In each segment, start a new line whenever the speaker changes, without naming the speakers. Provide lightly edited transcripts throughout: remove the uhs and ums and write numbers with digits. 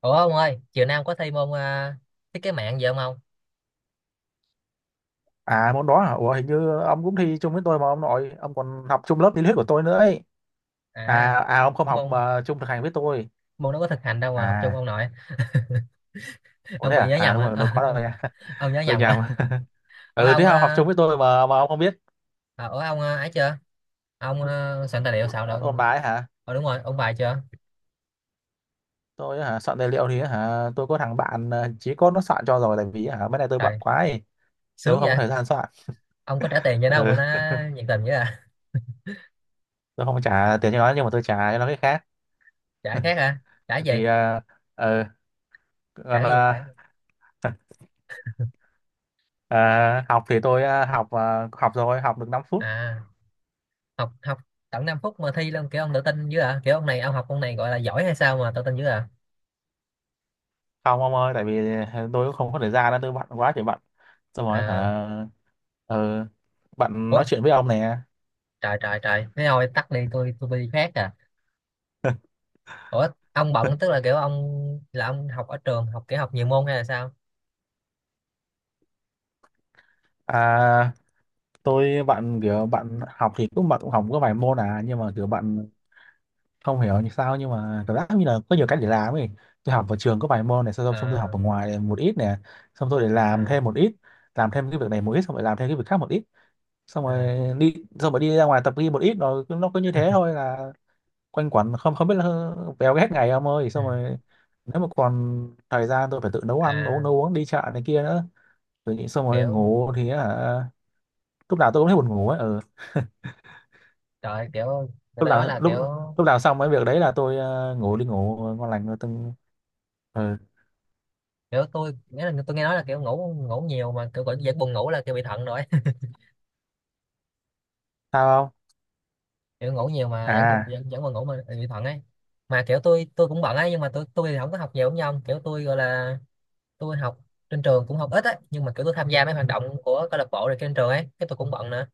Ủa ông ơi, chiều nay ông có thi môn à, thiết kế mạng gì không ông?
À môn đó hả? Ủa hình như ông cũng thi chung với tôi mà ông nội, ông còn học chung lớp lý thuyết của tôi nữa ấy.
À,
À ông không
ủa
học
môn
mà chung thực hành với tôi.
môn nó có thực hành đâu mà học chung
À,
ông nội.
ủa
Ông
đấy
bị
à?
nhớ
À
nhầm
đúng
hả?
rồi, đâu
Ờ,
có đâu
ông
nha.
ông nhớ
Tôi
nhầm
nhầm.
hả? Ủa
Ừ, thế
ông
ông học
à,
chung với tôi mà ông không biết
ủa ông à, ấy chưa? Ông à, soạn tài liệu soạn
ôn
đâu?
bài hả?
Ờ đúng rồi, ông bài chưa?
Tôi hả? Soạn tài liệu thì hả, tôi có thằng bạn chí cốt nó soạn cho rồi, tại vì hả mấy này tôi bận
Trời,
quá ấy.
sướng
Tôi không có
vậy.
thời gian soạn.
Ông có trả tiền cho nó không
Ừ,
mà nó nhiệt tình vậy à?
tôi không trả tiền cho nó nhưng mà tôi trả cho nó cái khác.
Trả khác hả? Trả gì?
Thì ờ,
Trả
còn
cái gì?
ờ, học thì tôi học học rồi, học được 5 phút.
À, học học tận 5 phút mà thi luôn kiểu ông tự tin dữ à? Kiểu ông này ông học ông này gọi là giỏi hay sao mà tự tin dữ à?
Không ông ơi, tại vì tôi không có thời gian đó, tôi bận quá trời bận, xong rồi
À,
hả, ờ, bạn
ủa
nói chuyện với ông nè.
trời trời trời thế thôi tắt đi tôi đi khác à. Ủa ông bận tức là kiểu ông là ông học ở trường học kiểu học nhiều môn hay là sao?
À, tôi bạn kiểu bạn học thì cũng bạn cũng học có vài môn à, nhưng mà kiểu bạn không hiểu như sao, nhưng mà cảm giác như là có nhiều cách để làm ấy. Tôi học ở trường có vài môn này xong, xong tôi học
À,
ở ngoài một ít nè, xong tôi để làm
à,
thêm một ít, làm thêm cái việc này một ít, xong rồi làm thêm cái việc khác một ít, xong rồi
à,
đi, xong rồi đi ra ngoài tập gym một ít rồi nó cứ như thế thôi, là quanh quẩn, không không biết là véo hết ngày ông ơi.
ừ,
Xong rồi nếu mà còn thời gian tôi phải tự nấu ăn uống,
à,
nấu uống, đi chợ này kia nữa. Tôi nghĩ xong rồi
kiểu
ngủ thì hả, lúc nào tôi cũng thấy buồn ngủ ấy. Ừ.
trời, kiểu người
lúc
ta nói
nào
là
lúc
kiểu
lúc nào xong cái việc đấy là tôi ngủ, đi ngủ ngon lành rồi từng. Ừ.
kiểu tôi nghĩa là tôi nghe nói là kiểu ngủ ngủ nhiều mà kiểu vẫn vẫn buồn ngủ là kiểu bị thận rồi.
Sao không?
Kiểu ngủ nhiều mà vẫn còn
À,
vẫn buồn ngủ mà bị thận ấy. Mà kiểu tôi cũng bận ấy nhưng mà tôi thì không có học nhiều giống như ông, kiểu tôi gọi là tôi học trên trường cũng học ít á nhưng mà kiểu tôi tham gia mấy hoạt động của câu lạc bộ rồi trên trường ấy cái tôi cũng bận nữa.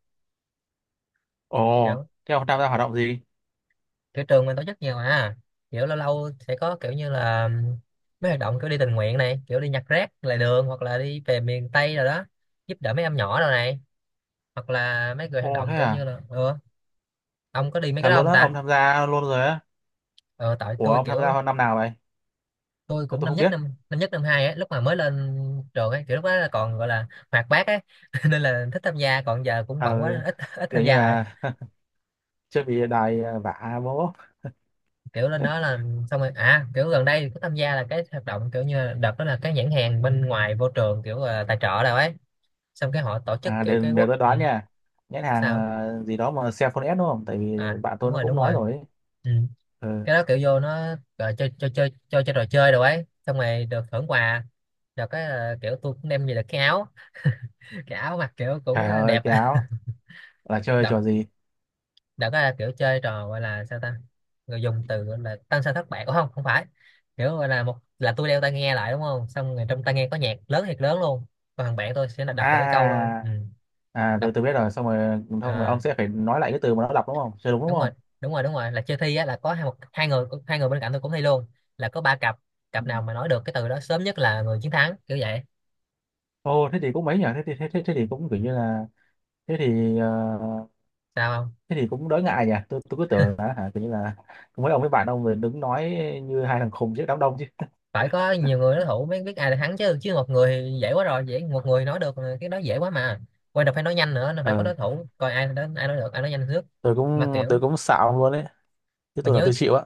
Ồ,
Kiểu
thế ông tham gia hoạt động gì?
kiểu trường mình tổ chức nhiều mà, kiểu lâu lâu sẽ có kiểu như là mấy hoạt động kiểu đi tình nguyện này, kiểu đi nhặt rác lề đường hoặc là đi về miền Tây rồi đó, giúp đỡ mấy em nhỏ rồi này, hoặc là mấy người hoạt
Ồ,
động
thế
kiểu
à?
như là, ừ, ông có đi mấy cái
Thật
đó
luôn
không
á,
ta?
ông tham gia luôn rồi á.
Ờ tại
Ủa,
tôi
ông tham
kiểu
gia hơn năm nào vậy?
tôi
Tôi,
cũng
tôi không biết.
năm nhất năm hai á lúc mà mới lên trường ấy, kiểu lúc đó là còn gọi là hoạt bát ấy nên là thích tham gia, còn giờ cũng
ờ,
bận quá nên ít ít
kiểu
tham
như
gia lại.
là chưa bị đài, vả bố.
Kiểu lên đó là xong rồi, à kiểu gần đây có tham gia là cái hoạt động kiểu như là đợt đó là cái nhãn hàng bên ngoài vô trường kiểu là tài trợ đâu ấy, xong cái họ tổ chức
À,
kiểu
để,
cái
để
quốc,
tôi
ừ,
đoán nha, nhãn hàng
sao?
gì đó mà Cellphone S đúng không, tại vì
À
bạn
đúng
tôi nó
rồi
cũng
đúng
nói
rồi,
rồi ấy.
ừ.
Ừ.
Cái đó kiểu vô nó gọi chơi chơi chơi chơi chơi trò chơi đồ ấy xong rồi được thưởng quà, được cái là kiểu tôi cũng đem về được cái áo, cái áo mặc kiểu cũng
Trời
à,
ơi,
đẹp.
cái áo là chơi
Đợt
trò gì?
đã có là kiểu chơi trò gọi là sao ta, người dùng từ gọi là tăng sao thất bại. Ủa không không phải, kiểu gọi là một là tôi đeo tai nghe lại đúng không, xong rồi trong tai nghe có nhạc lớn thiệt lớn luôn, còn thằng bạn tôi sẽ là đọc một cái câu ờ,
à,
ừ,
à, à tôi
đọc,
tôi biết rồi, xong rồi xong rồi
à,
ông sẽ phải nói lại cái từ mà nó đọc đúng không, chơi đúng đúng
đúng rồi
không?
đúng rồi đúng rồi, là chơi thi á, là có hai một hai người bên cạnh tôi cũng thi luôn, là có ba cặp,
Ừ.
cặp nào mà nói được cái từ đó sớm nhất là người chiến thắng kiểu vậy.
Ô, thế thì cũng mấy nhỉ, thế thì thế thì cũng kiểu như là thế thì
Sao không,
thế thì cũng đỡ ngại nhỉ. Tôi cứ tưởng là hả kiểu như là mấy ông với bạn ông rồi đứng nói như hai thằng khùng trước đám đông chứ.
phải có nhiều người đối thủ mới biết ai là thắng chứ, chứ một người thì dễ quá rồi, dễ một người nói được mà, cái đó dễ quá mà quan trọng phải nói nhanh nữa, nó phải có
Ờ,
đối thủ coi ai đến ai nói được, ai nói nhanh trước.
tôi
Mà
cũng tôi
kiểu
cũng xạo luôn đấy chứ,
mà
tôi là
nhớ
tôi chịu á.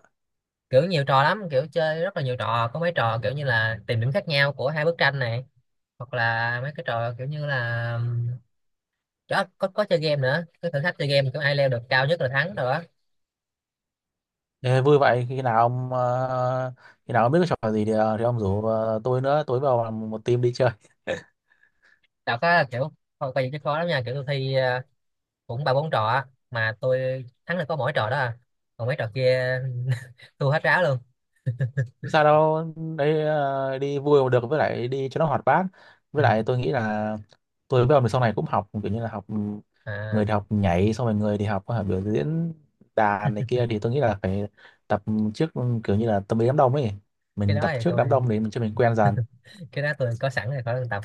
kiểu nhiều trò lắm, kiểu chơi rất là nhiều trò có mấy trò kiểu như là tìm điểm khác nhau của hai bức tranh này, hoặc là mấy cái trò kiểu như là đó, có chơi game nữa cái thử thách chơi game kiểu ai leo được cao nhất là thắng rồi đó.
Ê, vui vậy. Khi nào ông khi nào ông biết cái trò gì thì, thì ông rủ tôi nữa, tôi vào làm một team đi chơi.
Đọc á Đạo có kiểu không, coi vậy chứ khó lắm nha, kiểu tôi thi ờ, cũng ba bốn trò á mà tôi thắng được có mỗi trò đó à, còn mấy trò kia tôi hết ráo luôn.
Không sao đâu đấy, đi vui mà được, với lại đi cho nó hoạt bát,
Ừ.
với lại tôi nghĩ là tôi với ông thì sau này cũng học kiểu như là học,
À,
người thì học nhảy, xong rồi người thì học biểu diễn đàn này kia, thì tôi nghĩ là phải tập trước, kiểu như là tâm lý đám đông ấy,
cái
mình
đó
tập
thì
trước
tôi
đám đông để mình cho mình quen dần.
cái đó tôi có sẵn rồi khỏi cần tập.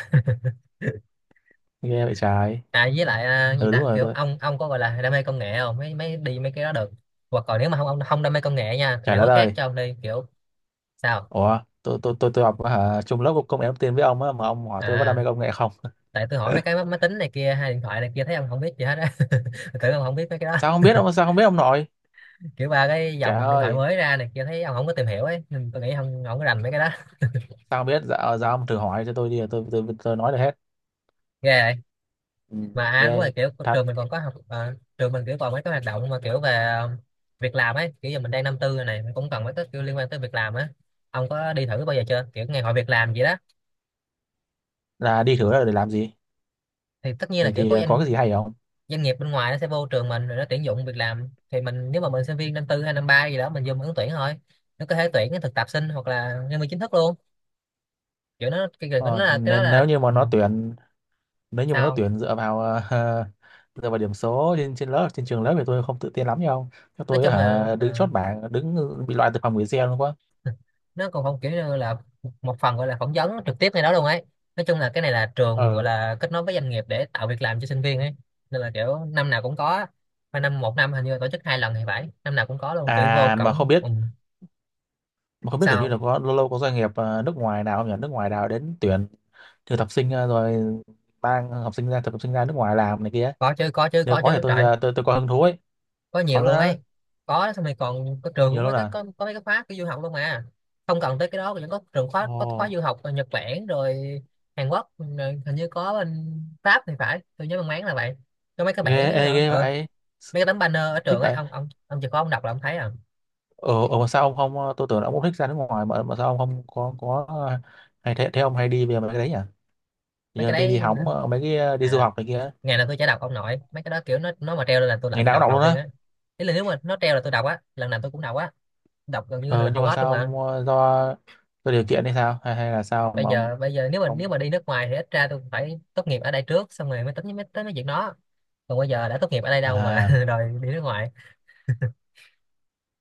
Nghe vậy trái.
À với lại à, gì
Ừ, đúng
ta,
rồi,
kiểu
tôi
ông có gọi là đam mê công nghệ không, mấy mấy đi mấy cái đó được, hoặc còn nếu mà không ông không đam mê công nghệ nha thì
trái
vẫn
đã
có khác
đời.
cho ông đi kiểu. Sao?
Ủa, tôi học hả, chung lớp công nghệ thông tin với ông á, mà ông hỏi tôi có đam
À
mê công nghệ không?
tại tôi hỏi mấy cái máy máy tính này kia hay điện thoại này kia thấy ông không biết gì hết á. Tôi tưởng ông không biết mấy cái
Sao không
đó.
biết ông, sao không biết ông nội?
Kiểu ba cái
Trời
dòng điện thoại
ơi,
mới ra này kia thấy ông không có tìm hiểu ấy nên tôi nghĩ ông không có rành mấy cái đó.
sao không biết? Dạ, dạ ông thử hỏi cho tôi đi, tôi nói được hết.
Ghê vậy.
Ừ,
Mà à, đúng rồi,
ghê
kiểu
thật.
trường mình còn có học ờ, trường mình kiểu còn mấy cái hoạt động mà kiểu về ờ, việc làm ấy, kiểu giờ mình đang năm tư rồi này, mình cũng cần mấy cái kiểu liên quan tới việc làm á. Ông có đi thử bao giờ chưa kiểu ngày hội việc làm gì đó?
Là đi thử là để làm gì?
Thì tất nhiên là
Thì
kiểu
thì
có
có cái gì
doanh
hay không?
doanh nghiệp bên ngoài nó sẽ vô trường mình rồi nó tuyển dụng việc làm, thì mình nếu mà mình sinh viên năm tư hay năm ba gì đó mình vô mình ứng tuyển thôi, nó có thể tuyển cái thực tập sinh hoặc là nhân viên chính thức luôn. Kiểu nó cái- nó
Ờ,
là cái đó
nên nếu
là,
như mà
ừ,
nó tuyển, nếu như mà nó
sao?
tuyển dựa vào dựa vào điểm số trên trên lớp, trên trường lớp thì tôi không tự tin lắm nhau. Cho
Nói
tôi
chung
hả
là ờ,
đứng chốt bảng, đứng bị loại từ phòng gửi xe luôn quá.
nó còn không kiểu như là một phần gọi là phỏng vấn trực tiếp ngay đó luôn ấy. Nói chung là cái này là trường gọi
Ờ.
là kết nối với doanh nghiệp để tạo việc làm cho sinh viên ấy, nên là kiểu năm nào cũng có, và năm một năm hình như là tổ chức 2 lần thì phải, năm nào cũng có luôn kiểu vô
À mà không
cổng,
biết,
ừ.
không biết kiểu như
Sao?
là có lâu lâu có doanh nghiệp à, nước ngoài nào không nhỉ, nước ngoài nào đến tuyển thực tập sinh à, rồi mang học sinh ra thực tập sinh ra nước ngoài làm này kia.
Có chứ có chứ
Nếu
có
có thì
chứ
tôi
trời,
à, tôi có hứng thú ấy.
có
Có
nhiều
luôn
luôn
á?
ấy. Có xong rồi còn có trường cũng
Nhiều
có
luôn
cái
à?
có mấy cái khóa cái du học luôn mà, không cần tới cái đó vẫn có trường khóa
Ồ,
có khóa du học ở Nhật Bản rồi Hàn Quốc rồi hình như có bên Pháp thì phải, tôi nhớ mang máng là vậy. Có mấy cái
ghê,
bản ấy,
ê,
ở,
ghê
ở
vậy,
mấy cái tấm banner ở
thích
trường ấy,
vậy.
ông ông chỉ có ông đọc là ông thấy à.
Ở, ở mà sao ông không à, tôi tưởng là ông cũng thích ra nước ngoài mà sao ông không có có à, hay thế, thế ông hay đi về mấy cái đấy nhỉ,
Mấy
giờ
cái
đi đi
đấy như là-
hóng à, mấy cái à, đi du
à,
học này kia.
ngày nào tôi chả đọc ông nội mấy cái đó, kiểu nó mà treo lên là tôi lại
Ngày
tôi
nào cũng
đọc
đọc
đầu
luôn
tiên
á?
á. Ý là nếu mà nó treo là tôi đọc á, lần nào tôi cũng đọc á, đọc gần như
Ờ,
là
nhưng
hầu
mà
hết
sao
luôn mà.
ông à, do do điều kiện hay sao, hay hay là sao
bây
mà ông
giờ bây giờ nếu
không
mà đi nước ngoài thì ít ra tôi phải tốt nghiệp ở đây trước xong rồi mới tính mới tới mấy chuyện đó, còn bây giờ đã tốt nghiệp ở đây đâu mà
à.
đòi đi nước ngoài.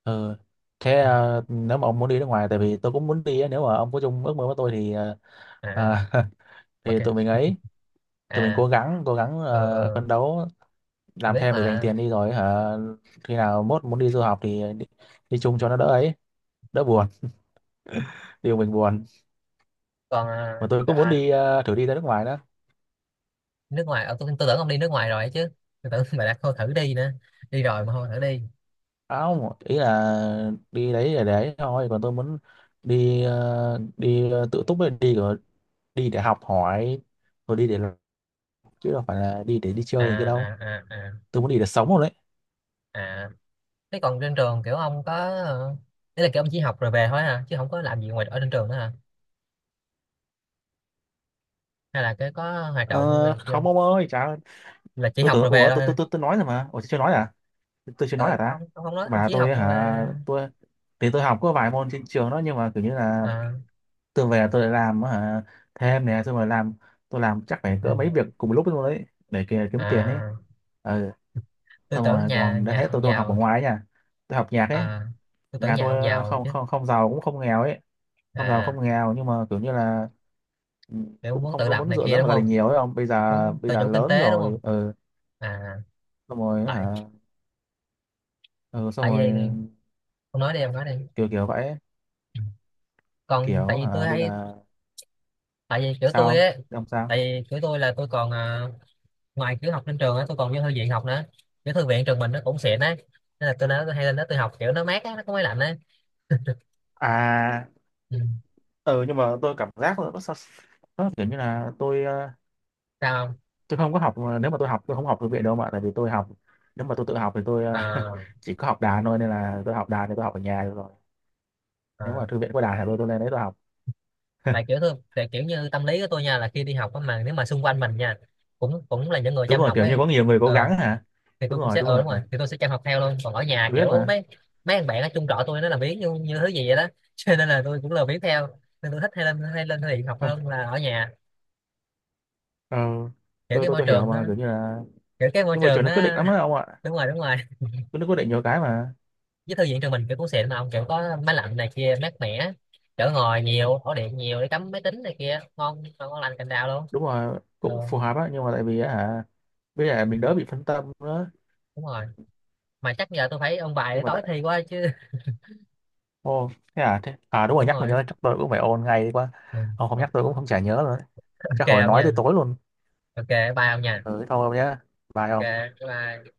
Ờ, thế
Ừ.
ờ, nếu mà ông muốn đi nước ngoài, tại vì tôi cũng muốn đi á, nếu mà ông có chung ước mơ với tôi thì ờ,
À.
à,
Ok.
thì tụi mình ấy, tụi mình
À.
cố gắng
Ờ.
ờ,
Ừ, ừ,
phấn đấu
tôi
làm
biết
thêm để dành
mà.
tiền đi, rồi hả khi nào mốt muốn đi du học thì đi, đi chung cho nó đỡ ấy, đỡ buồn, điều mình buồn.
Còn à,
Mà tôi cũng muốn
à,
đi ờ, thử đi ra nước ngoài đó.
nước ngoài ờ, tôi tưởng ông đi nước ngoài rồi ấy chứ, tôi tưởng bà đã không thử đi nữa, đi rồi mà không thử đi.
À, không, ý là đi đấy để đấy thôi, còn tôi muốn đi ờ, tự túc ấy, đi rồi, đi để học hỏi, rồi đi để làm, chứ đâu phải là đi để đi
À
chơi cái
à
đâu.
à à
Tôi muốn đi để sống rồi đấy.
à thế còn trên trường kiểu ông có ờ, ý là kiểu ông chỉ học rồi về thôi hả, chứ không có làm gì ngoài ở trên trường nữa hả, hay là cái có hoạt
Ờ,
động này kia.
không ông ơi chả.
Là chỉ
Tôi
học
tưởng
rồi về
ủa, tôi tôi
thôi.
tôi, tôi nói rồi mà, ủa tôi chưa nói à, tôi chưa nói à
Ờ,
ta.
ông không nói ông
Mà
chỉ
tôi
học rồi
hả,
về.
tôi thì tôi học có vài môn trên trường đó, nhưng mà kiểu như là
À,
tôi về tôi lại làm hả thêm nè, xong rồi làm, tôi làm chắc phải
ừ.
cỡ mấy việc cùng lúc luôn đấy để kiếm tiền ấy.
À,
Ừ.
tôi
Xong
tưởng
rồi
nhà
còn đã
nhà
thế tôi
ông
tôi còn học ở
giàu.
ngoài ấy nha, tôi học nhạc ấy.
À tôi tưởng
Nhà
nhà ông
tôi
giàu
không
chứ.
không không giàu cũng không nghèo ấy, không giàu
À
không nghèo nhưng mà kiểu như là, ừ,
kiểu
cũng
muốn
không
tự
có
lập
muốn
này
dựa
kia
dẫm
đúng
vào gia đình
không,
nhiều ấy, không bây giờ
muốn
bây
tự
giờ
chủ kinh
lớn
tế đúng
rồi.
không.
Ừ.
À
Xong rồi hả.
tại
Ừ, xong
tại vì
rồi,
không nói đi em nói đi,
kiểu kiểu vậy ấy.
còn tại
Kiểu
vì tôi
hả bây
hay
giờ.
tại vì kiểu
Sao
tôi
không?
ấy,
Thế không sao.
tại vì kiểu tôi là tôi còn à, ngoài kiểu học trên trường á tôi còn vô thư viện học nữa, cái thư viện trường mình nó cũng xịn đấy, nên là tôi nói tôi hay lên đó tôi học kiểu nó mát á, nó có máy lạnh đấy.
À,
Ừ.
ừ, nhưng mà tôi cảm giác nó kiểu như là tôi ờ,
Sao không?
tôi không có học, nếu mà tôi học tôi không học thư viện đâu mà, tại vì tôi học, nếu mà tôi tự học thì tôi ờ,
À,
chỉ có học đàn thôi nên là tôi học đàn thì tôi học ở nhà được rồi. Nếu
à,
mà thư viện có đàn thì tôi lên đấy tôi học.
tại kiểu tôi tại kiểu như tâm lý của tôi nha là khi đi học á mà nếu mà xung quanh mình nha cũng cũng là những người
Đúng
chăm
rồi,
học
kiểu như
ấy,
có nhiều người cố
ờ,
gắng hả.
thì
Đúng
tôi cũng
rồi,
sẽ
đúng
ờ đúng rồi
rồi,
thì tôi sẽ chăm học theo luôn, còn ở nhà
tôi biết
kiểu
mà.
mấy mấy thằng bạn ở chung trọ tôi nó làm biếng như, như thứ gì vậy đó, cho nên là tôi cũng lười biếng theo nên tôi thích hay lên thư viện học
Ờ,
hơn là ở nhà.
ờ,
Kiểu
tôi
cái
tôi
môi
tôi hiểu
trường nó
mà, kiểu như là
kiểu cái môi
nhưng mà
trường
trường nó
nó.
quyết định lắm á ông ạ.
Đúng rồi đúng rồi,
Trường nó quyết định nhiều cái mà.
với thư viện trường mình kiểu cũng xịn mà ông, kiểu có máy lạnh này kia mát mẻ, chỗ ngồi nhiều, ổ điện nhiều để cắm máy tính này kia, ngon ngon ngon lành cành đào luôn.
Đúng rồi, cũng
Ờ,
phù hợp á, nhưng mà tại vì á hả bây giờ
ừ,
mình đỡ bị phân tâm nữa.
đúng rồi, mà chắc giờ tôi phải ôn bài
Nhưng
để
mà
tối
tại,
thi quá chứ.
ô, thế à, thế à, đúng rồi,
Đúng
nhắc mình
rồi.
nhớ, chắc tôi cũng phải ôn ngay đi quá.
Ừ.
Ông không nhắc tôi cũng không, chả nhớ rồi. Chắc
Ok
hồi
ông
nói
nha.
tới tối luôn.
Ok. Bye ông nha.
Ừ, thôi ông nhá. Bye ông.
Ok. Bye.